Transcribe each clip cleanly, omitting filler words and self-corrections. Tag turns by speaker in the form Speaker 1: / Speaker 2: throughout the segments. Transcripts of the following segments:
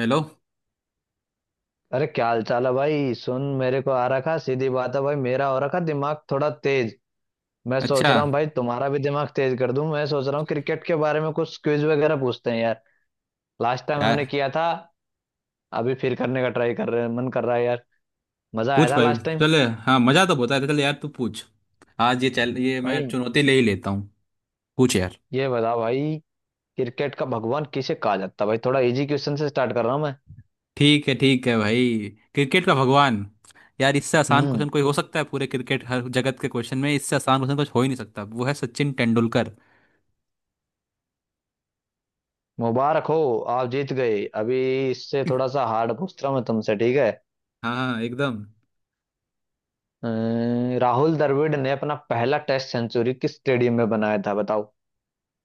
Speaker 1: Hello.
Speaker 2: अरे क्या हाल चाल है भाई। सुन मेरे को आ रखा सीधी बात है भाई, मेरा हो रखा दिमाग थोड़ा तेज। मैं सोच
Speaker 1: अच्छा
Speaker 2: रहा हूँ भाई तुम्हारा भी दिमाग तेज कर दूं। मैं सोच रहा हूँ क्रिकेट के बारे में कुछ क्विज वगैरह पूछते हैं यार। लास्ट टाइम
Speaker 1: यार,
Speaker 2: हमने किया था। अभी फिर करने का ट्राई कर रहे हैं, मन कर रहा है यार। मजा आया
Speaker 1: पूछ
Speaker 2: था
Speaker 1: भाई,
Speaker 2: लास्ट टाइम।
Speaker 1: चले। हाँ, मजा तो बहुत आया था। चल यार, तू पूछ। आज ये चल, ये मैं
Speaker 2: भाई
Speaker 1: चुनौती ले ही लेता हूँ। पूछ यार।
Speaker 2: ये बताओ भाई, क्रिकेट का भगवान किसे कहा जाता है। भाई थोड़ा इजी क्वेश्चन से स्टार्ट कर रहा हूँ मैं।
Speaker 1: ठीक है, ठीक है भाई। क्रिकेट का भगवान। यार, इससे आसान
Speaker 2: हम्म।
Speaker 1: क्वेश्चन कोई हो सकता है? पूरे क्रिकेट हर जगत के क्वेश्चन में इससे आसान क्वेश्चन कुछ हो ही नहीं सकता। वो है सचिन तेंदुलकर।
Speaker 2: मुबारक हो, आप जीत गए अभी। इससे थोड़ा सा हार्ड पूछ रहा हूँ मैं तुमसे, ठीक है।
Speaker 1: हाँ हाँ, एकदम।
Speaker 2: राहुल द्रविड़ ने अपना पहला टेस्ट सेंचुरी किस स्टेडियम में बनाया था, बताओ।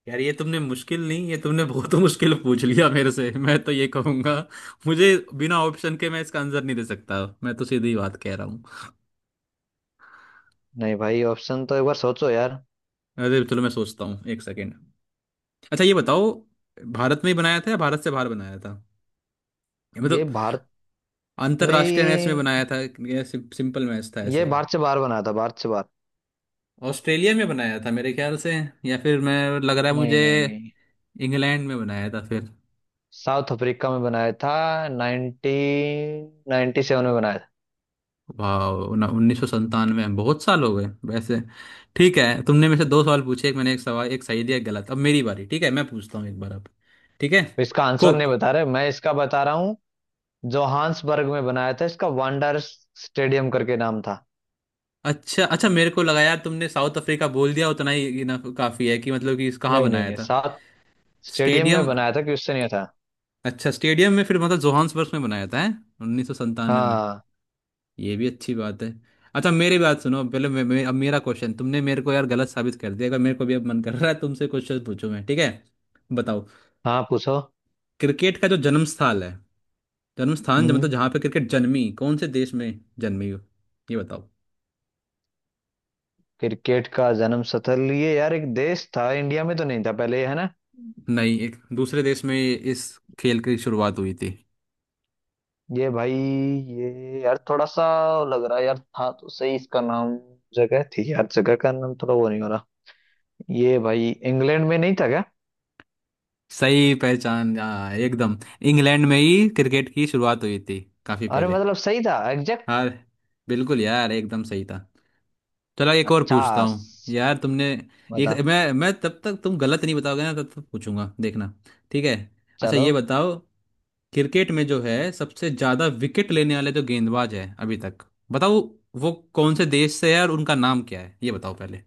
Speaker 1: यार ये तुमने मुश्किल नहीं, ये तुमने बहुत मुश्किल पूछ लिया मेरे से। मैं तो ये कहूंगा मुझे, बिना ऑप्शन के मैं इसका आंसर नहीं दे सकता। मैं तो सीधी बात कह रहा।
Speaker 2: नहीं भाई, ऑप्शन तो एक बार सोचो यार।
Speaker 1: अरे तो चलो, मैं सोचता हूँ 1 सेकेंड। अच्छा ये बताओ, भारत में ही बनाया था या भारत से बाहर बनाया था, ये
Speaker 2: ये
Speaker 1: मतलब।
Speaker 2: भारत में
Speaker 1: अंतरराष्ट्रीय मैच में बनाया
Speaker 2: ही-
Speaker 1: था या सिंपल मैच था ऐसे
Speaker 2: ये
Speaker 1: ही।
Speaker 2: भारत से बाहर बनाया था, भारत से बाहर।
Speaker 1: ऑस्ट्रेलिया में बनाया था मेरे ख्याल से। या फिर मैं लग रहा है मुझे,
Speaker 2: नहीं नहीं नहीं
Speaker 1: इंग्लैंड में बनाया था फिर।
Speaker 2: साउथ अफ्रीका में बनाया था। 1997 में बनाया था।
Speaker 1: वाह, 1997। बहुत साल हो गए वैसे। ठीक है, तुमने मेरे से दो सवाल पूछे। एक मैंने एक सवाल, एक सही दिया, एक गलत। अब मेरी बारी, ठीक है? मैं पूछता हूँ एक बार अब। ठीक है।
Speaker 2: तो इसका आंसर नहीं
Speaker 1: कोक।
Speaker 2: बता रहे, मैं इसका बता रहा हूँ। जोहान्सबर्ग में बनाया था, इसका वांडर स्टेडियम करके नाम था।
Speaker 1: अच्छा अच्छा, मेरे को लगा यार तुमने साउथ अफ्रीका बोल दिया उतना ही, ये ना काफी है कि, मतलब कि इस कहाँ
Speaker 2: नहीं नहीं
Speaker 1: बनाया
Speaker 2: नहीं
Speaker 1: था।
Speaker 2: South stadium
Speaker 1: stadium.
Speaker 2: में बनाया था, क्वेश्चन ये था।
Speaker 1: अच्छा स्टेडियम में फिर मतलब जोहान्सबर्ग में बनाया था, है? 1997 में।
Speaker 2: हाँ,
Speaker 1: ये भी अच्छी बात है। अच्छा मेरी बात सुनो पहले मे, मे, अब मेरा क्वेश्चन, तुमने मेरे को यार गलत साबित कर दिया। अगर मेरे को भी अब मन कर रहा है तुमसे क्वेश्चन पूछूं मैं, ठीक है? बताओ।
Speaker 2: हाँ पूछो।
Speaker 1: क्रिकेट का जो जन्म स्थल है, जन्म स्थान, जो
Speaker 2: हम्म।
Speaker 1: मतलब जहाँ पे क्रिकेट जन्मी, कौन से देश में जन्मी हो, ये बताओ।
Speaker 2: क्रिकेट का जन्म स्थल, ये यार एक देश था। इंडिया में तो नहीं था पहले, है ना।
Speaker 1: नहीं, एक दूसरे देश में इस खेल की शुरुआत हुई थी।
Speaker 2: ये भाई ये यार थोड़ा सा लग रहा है यार, था तो सही इसका नाम। जगह थी यार, जगह का नाम थोड़ा वो नहीं हो रहा। ये भाई इंग्लैंड में नहीं था क्या।
Speaker 1: सही पहचान, हाँ, एकदम। इंग्लैंड में ही क्रिकेट की शुरुआत हुई थी, काफी
Speaker 2: अरे
Speaker 1: पहले।
Speaker 2: मतलब सही था एग्जैक्ट।
Speaker 1: हाँ, बिल्कुल यार, एकदम सही था। चलो एक और पूछता
Speaker 2: अच्छा
Speaker 1: हूँ
Speaker 2: स-
Speaker 1: यार तुमने। एक
Speaker 2: बता।
Speaker 1: मैं तब तक, तुम गलत नहीं बताओगे ना तब तक पूछूंगा, देखना। ठीक है। अच्छा
Speaker 2: चलो,
Speaker 1: ये बताओ, क्रिकेट में जो है सबसे ज्यादा विकेट लेने वाले जो गेंदबाज है अभी तक, बताओ। वो कौन से देश से है और उनका नाम क्या है, ये बताओ पहले।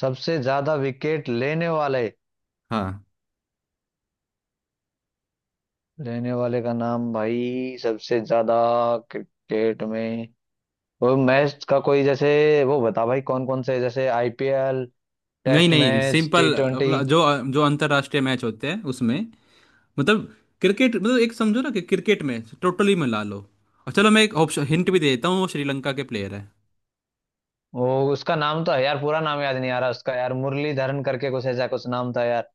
Speaker 2: सबसे ज्यादा विकेट लेने वाले,
Speaker 1: हाँ।
Speaker 2: लेने वाले का नाम भाई, सबसे ज्यादा क्रिकेट में। वो मैच का कोई जैसे, वो बता भाई कौन कौन से, जैसे आईपीएल,
Speaker 1: नहीं
Speaker 2: टेस्ट
Speaker 1: नहीं,
Speaker 2: मैच, टी
Speaker 1: सिंपल
Speaker 2: ट्वेंटी।
Speaker 1: अपना, जो जो अंतर्राष्ट्रीय मैच होते हैं उसमें, मतलब। क्रिकेट, मतलब, एक समझो ना कि क्रिकेट में टोटली मिला लो। और चलो, मैं एक ऑप्शन, हिंट भी दे देता हूँ, वो श्रीलंका के प्लेयर है।
Speaker 2: वो उसका नाम तो है यार, पूरा नाम याद नहीं आ रहा उसका यार। मुरलीधरन करके कुछ ऐसा कुछ नाम था यार।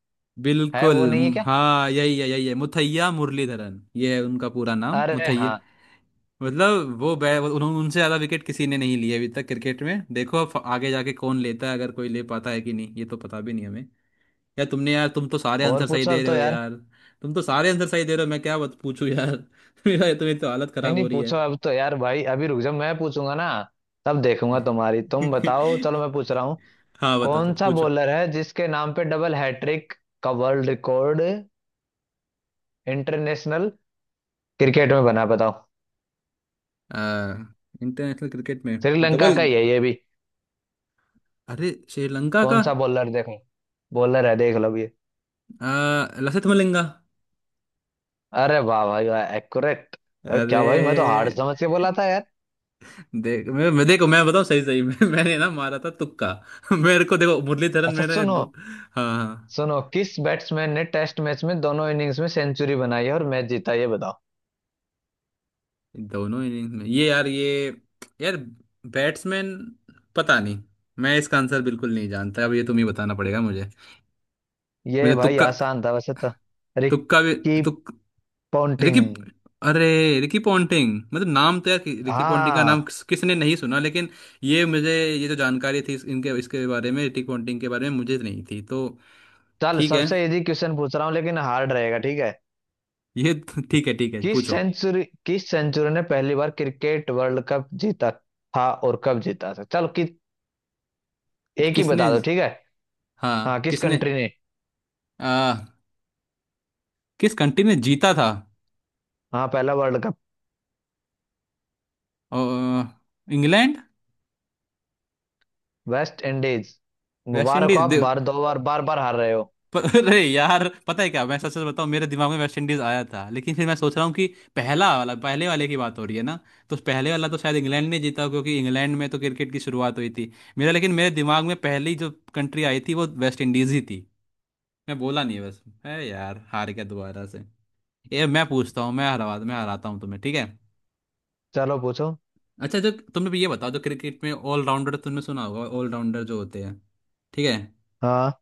Speaker 2: है, वो नहीं है क्या।
Speaker 1: हाँ, यही है, यही है, मुथैया मुरलीधरन, ये है उनका पूरा नाम,
Speaker 2: अरे
Speaker 1: मुथैया।
Speaker 2: हाँ।
Speaker 1: मतलब वो बै वो- उन्हों- उनसे ज्यादा विकेट किसी ने नहीं लिए अभी तक क्रिकेट में। देखो अब आगे जाके कौन लेता है, अगर कोई ले पाता है कि नहीं, ये तो पता भी नहीं हमें। यार तुमने, यार तुम तो सारे
Speaker 2: और
Speaker 1: आंसर सही
Speaker 2: पूछो
Speaker 1: दे
Speaker 2: अब
Speaker 1: रहे
Speaker 2: तो
Speaker 1: हो
Speaker 2: यार।
Speaker 1: यार, तुम तो सारे आंसर सही दे रहे हो। मैं क्या पूछूं यार? मेरा, तुम्हें तो हालत
Speaker 2: नहीं
Speaker 1: खराब हो
Speaker 2: नहीं,
Speaker 1: रही है।
Speaker 2: पूछो अब तो यार भाई। अभी रुक जाओ, मैं पूछूंगा ना, तब देखूंगा तुम्हारी। तुम बताओ, चलो मैं पूछ रहा हूँ।
Speaker 1: हाँ, बताओ,
Speaker 2: कौन सा
Speaker 1: पूछो।
Speaker 2: बॉलर है जिसके नाम पे डबल हैट्रिक का वर्ल्ड रिकॉर्ड इंटरनेशनल क्रिकेट में बना, बताओ।
Speaker 1: इंटरनेशनल क्रिकेट में।
Speaker 2: श्रीलंका
Speaker 1: डबल?
Speaker 2: का ही है ये भी।
Speaker 1: अरे, श्रीलंका का।
Speaker 2: कौन सा बॉलर, देखो बॉलर है, देख लो ये।
Speaker 1: लसिथ मलिंगा।
Speaker 2: अरे वाह भाई वाह, एक्यूरेट। अरे क्या भाई, मैं तो हार्ड
Speaker 1: अरे
Speaker 2: समझ के बोला था यार।
Speaker 1: देख, मैं देखो, मैं बताऊं सही सही। मैंने ना मारा था तुक्का। मेरे को देखो मुरलीधरन,
Speaker 2: अच्छा सुनो,
Speaker 1: हाँ, हाँ।
Speaker 2: सुनो, किस बैट्समैन ने टेस्ट मैच में दोनों इनिंग्स में सेंचुरी बनाई है और मैच जीता, ये बताओ।
Speaker 1: दोनों इनिंग्स में ये, यार ये, यार बैट्समैन, पता नहीं। मैं इसका आंसर बिल्कुल नहीं जानता, अब ये तुम ही बताना पड़ेगा मुझे।
Speaker 2: ये
Speaker 1: मुझे
Speaker 2: भाई
Speaker 1: तुक्का,
Speaker 2: आसान था वैसे तो।
Speaker 1: तुक्का भी
Speaker 2: रिकी
Speaker 1: तुक रिकी।
Speaker 2: पोंटिंग।
Speaker 1: अरे, रिकी पॉन्टिंग मतलब नाम तो यार रिकी पॉन्टिंग का नाम
Speaker 2: हाँ
Speaker 1: किसने नहीं सुना, लेकिन ये मुझे, ये जो जानकारी थी इनके, इसके बारे में, रिकी पॉन्टिंग के बारे में, मुझे नहीं थी तो।
Speaker 2: चल,
Speaker 1: ठीक है।
Speaker 2: सबसे इजी क्वेश्चन पूछ रहा हूँ लेकिन हार्ड रहेगा, ठीक है।
Speaker 1: ये ठीक है, ठीक है,
Speaker 2: किस
Speaker 1: पूछो।
Speaker 2: सेंचुरी, किस सेंचुरी ने पहली बार क्रिकेट वर्ल्ड कप जीता था और कब जीता था। चलो कि एक ही
Speaker 1: किसने?
Speaker 2: बता दो, ठीक है। हाँ,
Speaker 1: हाँ
Speaker 2: किस
Speaker 1: किसने?
Speaker 2: कंट्री ने।
Speaker 1: आ, किस कंट्री ने जीता था?
Speaker 2: हाँ पहला वर्ल्ड कप।
Speaker 1: अ, इंग्लैंड।
Speaker 2: West Indies.
Speaker 1: वेस्ट
Speaker 2: मुबारक हो
Speaker 1: इंडीज।
Speaker 2: आप, बार दो बार बार बार हार रहे हो।
Speaker 1: अरे यार, पता है क्या, मैं सच सच बताऊं, मेरे दिमाग में वेस्ट इंडीज आया था। लेकिन फिर मैं सोच रहा हूँ कि पहला वाला, पहले वाले की बात हो रही है ना, तो उस पहले वाला तो शायद इंग्लैंड ने जीता, क्योंकि इंग्लैंड में तो क्रिकेट की शुरुआत हुई थी मेरा। लेकिन मेरे दिमाग में पहली जो कंट्री आई थी वो वेस्ट इंडीज ही थी, मैं बोला नहीं, बस है यार, हार गया दोबारा से। ये मैं पूछता हूँ, मैं हरा, मैं हराता हूँ तुम्हें, ठीक है।
Speaker 2: चलो पूछो।
Speaker 1: अच्छा, जो तुमने भी ये बताओ, जो क्रिकेट में ऑलराउंडर तुमने सुना होगा, ऑलराउंडर जो होते हैं, ठीक है?
Speaker 2: हाँ।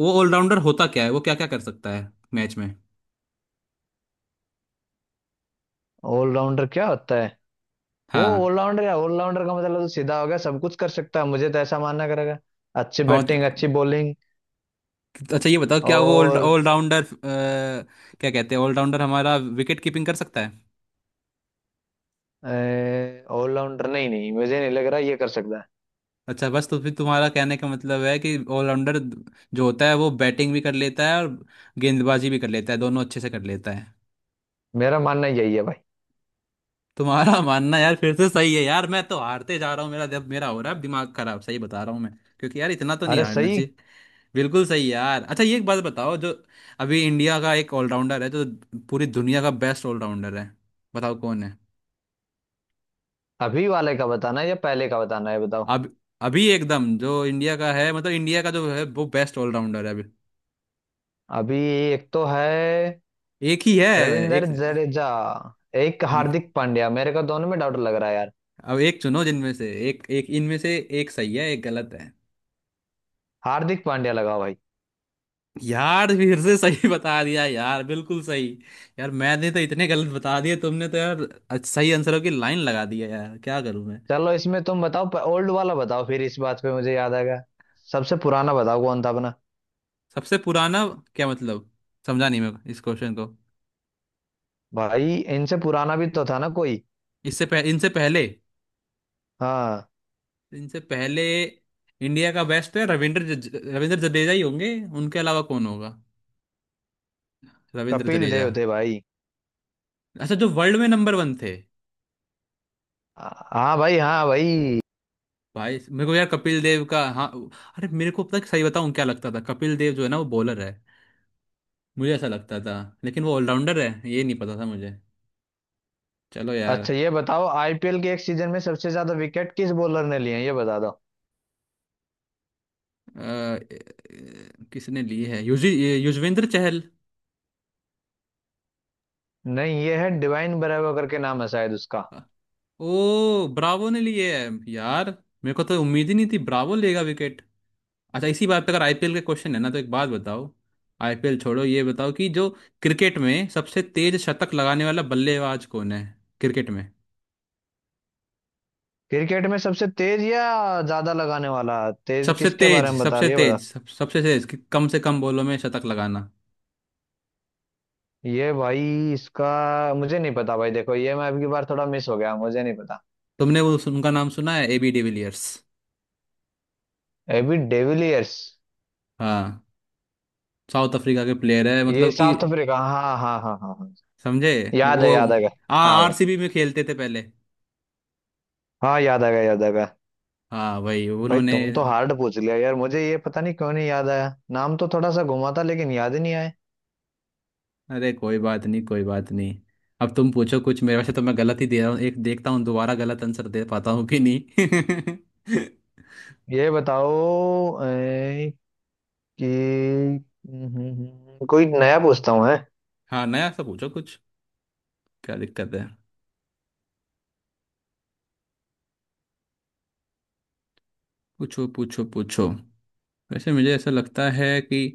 Speaker 1: वो ऑलराउंडर होता क्या है, वो क्या क्या कर सकता है मैच में?
Speaker 2: ऑलराउंडर क्या होता है। वो
Speaker 1: हाँ
Speaker 2: ऑलराउंडर, या ऑलराउंडर का मतलब तो सीधा हो गया, सब कुछ कर सकता है, मुझे तो ऐसा मानना करेगा। अच्छी
Speaker 1: हाँ।
Speaker 2: बैटिंग, अच्छी बॉलिंग।
Speaker 1: अच्छा ये बताओ, क्या वो
Speaker 2: और
Speaker 1: ऑलराउंडर, क्या कहते हैं, ऑलराउंडर हमारा विकेट कीपिंग कर सकता है?
Speaker 2: ऑलराउंडर, नहीं नहीं, मुझे नहीं लग रहा ये कर सकता है।
Speaker 1: अच्छा बस, तो फिर तुम्हारा कहने का मतलब है कि ऑलराउंडर जो होता है वो बैटिंग भी कर लेता है और गेंदबाजी भी कर लेता है, दोनों अच्छे से कर लेता है।
Speaker 2: मेरा मानना यही है भाई।
Speaker 1: तुम्हारा मानना यार फिर से सही है यार, मैं तो हारते जा रहा हूँ। मेरा हो रहा है अब दिमाग खराब, सही बता रहा हूँ मैं। क्योंकि यार इतना तो नहीं
Speaker 2: अरे
Speaker 1: हारना
Speaker 2: सही।
Speaker 1: चाहिए। बिल्कुल सही यार। अच्छा, ये एक बात बताओ, जो अभी इंडिया का एक ऑलराउंडर है जो पूरी दुनिया का बेस्ट ऑलराउंडर है, बताओ कौन है।
Speaker 2: अभी वाले का बताना है या पहले का बताना है, बताओ।
Speaker 1: अब। अभी एकदम, जो इंडिया का है, मतलब इंडिया का जो है वो बेस्ट ऑलराउंडर है अभी।
Speaker 2: अभी एक तो है
Speaker 1: एक ही है,
Speaker 2: रविंद्र
Speaker 1: एक।
Speaker 2: जडेजा, एक हार्दिक पांड्या, मेरे को दोनों में डाउट लग रहा है यार।
Speaker 1: अब एक चुनो, जिनमें से एक, एक इनमें से, एक सही है, एक गलत है।
Speaker 2: हार्दिक पांड्या लगाओ भाई।
Speaker 1: यार फिर से सही बता दिया यार, बिल्कुल सही। यार मैंने तो इतने गलत बता दिए, तुमने तो यार सही आंसरों की लाइन लगा दी है, यार क्या करूं मैं?
Speaker 2: चलो इसमें तुम बताओ, ओल्ड वाला बताओ, फिर इस बात पे मुझे याद आ गया। सबसे पुराना बताओ कौन था अपना।
Speaker 1: सबसे पुराना? क्या मतलब, समझा नहीं मैं इस क्वेश्चन को।
Speaker 2: भाई इनसे पुराना भी तो था ना कोई।
Speaker 1: इनसे पहले।
Speaker 2: हाँ
Speaker 1: इनसे पहले इंडिया का बेस्ट है रविंद्र रविंद्र जडेजा ही होंगे, उनके अलावा कौन होगा? रविंद्र
Speaker 2: कपिल
Speaker 1: जडेजा।
Speaker 2: देव थे भाई।
Speaker 1: अच्छा, जो वर्ल्ड में नंबर 1 थे?
Speaker 2: हाँ भाई, हाँ भाई।
Speaker 1: भाई, मेरे को यार कपिल देव का, हाँ। अरे, मेरे को पता है, सही बताऊं क्या लगता था, कपिल देव जो है ना वो बॉलर है, मुझे ऐसा लगता था। लेकिन वो ऑलराउंडर है ये नहीं पता था मुझे। चलो यार।
Speaker 2: अच्छा ये बताओ, आईपीएल के एक सीजन में सबसे ज्यादा विकेट किस बॉलर ने लिए हैं, ये बता दो।
Speaker 1: अ, किसने ली है? युजी ये युजवेंद्र चहल।
Speaker 2: नहीं, ये है डिवाइन ब्रेवो करके नाम है शायद उसका।
Speaker 1: ओ ब्रावो ने लिए है यार। मेरे को तो उम्मीद ही नहीं थी ब्रावो लेगा विकेट। अच्छा इसी बात पे, अगर आईपीएल के क्वेश्चन है ना, तो एक बात बताओ। आईपीएल छोड़ो, ये बताओ कि जो क्रिकेट में सबसे तेज शतक लगाने वाला बल्लेबाज कौन है, क्रिकेट में।
Speaker 2: क्रिकेट में सबसे तेज या ज्यादा लगाने वाला, तेज
Speaker 1: सबसे
Speaker 2: किसके बारे
Speaker 1: तेज,
Speaker 2: में बता
Speaker 1: सबसे
Speaker 2: रही है, बता।
Speaker 1: तेज, सबसे तेज, कि कम से कम बॉलों में शतक लगाना।
Speaker 2: ये भाई इसका मुझे नहीं पता भाई। देखो ये मैं अबकी बार थोड़ा मिस हो गया, मुझे नहीं पता।
Speaker 1: तुमने वो उनका नाम सुना है, एबी डिविलियर्स?
Speaker 2: AB de Villiers.
Speaker 1: हाँ, साउथ अफ्रीका के प्लेयर है,
Speaker 2: ये
Speaker 1: मतलब कि,
Speaker 2: साउथ अफ्रीका, हाँ हाँ हाँ हाँ हाँ।
Speaker 1: समझे?
Speaker 2: याद है,
Speaker 1: वो,
Speaker 2: याद आ गया। हाँ
Speaker 1: हाँ,
Speaker 2: भाई।
Speaker 1: आरसीबी में खेलते थे पहले।
Speaker 2: हाँ, याद आ गया, याद आ गया।
Speaker 1: हाँ भाई
Speaker 2: भाई
Speaker 1: उन्होंने।
Speaker 2: तुम तो हार्ड पूछ लिया यार, मुझे ये पता नहीं क्यों नहीं याद आया। नाम तो थोड़ा सा घुमा था लेकिन याद ही नहीं आए।
Speaker 1: अरे कोई बात नहीं, कोई बात नहीं। अब तुम पूछो कुछ मेरे। वैसे तो मैं गलत ही दे रहा हूँ, एक देखता हूँ दोबारा गलत आंसर दे पाता हूँ कि नहीं।
Speaker 2: ये बताओ ए, कि कोई नया पूछता हूँ है।
Speaker 1: हाँ, नया सा पूछो कुछ, क्या दिक्कत है? पूछो, पूछो, पूछो। वैसे मुझे ऐसा लगता है कि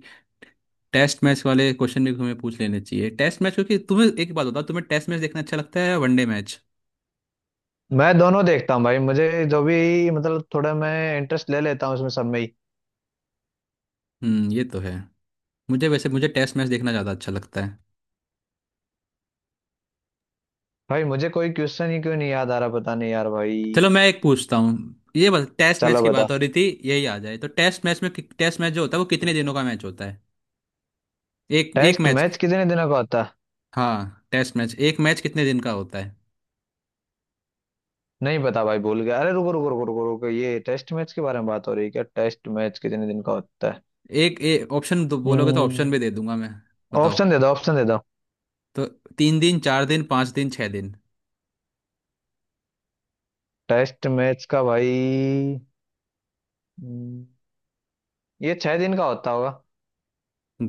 Speaker 1: टेस्ट मैच वाले क्वेश्चन भी तुम्हें पूछ लेने चाहिए, टेस्ट मैच। क्योंकि तुम्हें एक बात बताओ, तुम्हें टेस्ट मैच देखना अच्छा लगता है या वनडे मैच?
Speaker 2: मैं दोनों देखता हूँ भाई, मुझे जो भी मतलब थोड़ा मैं इंटरेस्ट ले लेता हूँ इसमें सब में ही।
Speaker 1: हम्म, ये तो है। मुझे वैसे, मुझे टेस्ट मैच देखना ज़्यादा अच्छा लगता है।
Speaker 2: भाई मुझे कोई क्वेश्चन ही क्यों नहीं याद आ रहा, पता नहीं यार भाई।
Speaker 1: चलो मैं एक पूछता हूँ। ये बस टेस्ट मैच
Speaker 2: चलो
Speaker 1: की
Speaker 2: बता।
Speaker 1: बात हो रही थी यही आ जाए, तो टेस्ट मैच में, टेस्ट मैच जो होता है वो कितने दिनों का मैच होता है, एक एक
Speaker 2: टेस्ट
Speaker 1: मैच?
Speaker 2: मैच कितने दिनों का होता है।
Speaker 1: हाँ, टेस्ट मैच एक मैच कितने दिन का होता है।
Speaker 2: नहीं पता भाई, भूल गया। अरे रुको रुको रुको रुको रुको, ये टेस्ट मैच के बारे में बात हो रही है क्या। टेस्ट मैच कितने दिन का होता है।
Speaker 1: एक ऑप्शन दो बोलोगे तो ऑप्शन भी दे
Speaker 2: हम्म।
Speaker 1: दूंगा मैं। बताओ
Speaker 2: ऑप्शन दे दो, ऑप्शन दे दो।
Speaker 1: तो, 3 दिन, 4 दिन, 5 दिन, 6 दिन।
Speaker 2: टेस्ट मैच का भाई, हम्म, ये छह दिन का होता होगा।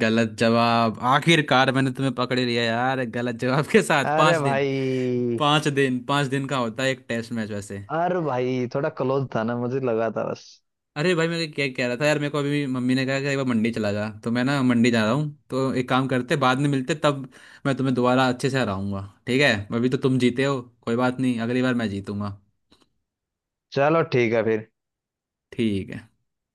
Speaker 1: गलत जवाब, आखिरकार मैंने तुम्हें पकड़ लिया यार, गलत जवाब के साथ। पांच
Speaker 2: अरे
Speaker 1: दिन
Speaker 2: भाई।
Speaker 1: पांच दिन का होता है एक टेस्ट मैच वैसे।
Speaker 2: अरे भाई थोड़ा क्लोज था ना, मुझे लगा था बस।
Speaker 1: अरे भाई, मैं क्या कह रहा था यार, मेरे को अभी मम्मी ने कहा कि एक बार मंडी चला जा, तो मैं ना मंडी जा रहा हूँ। तो एक काम करते, बाद में मिलते तब, मैं तुम्हें दोबारा अच्छे से हराऊंगा, ठीक है? अभी तो तुम जीते हो, कोई बात नहीं, अगली बार मैं जीतूंगा।
Speaker 2: चलो ठीक है फिर।
Speaker 1: ठीक है।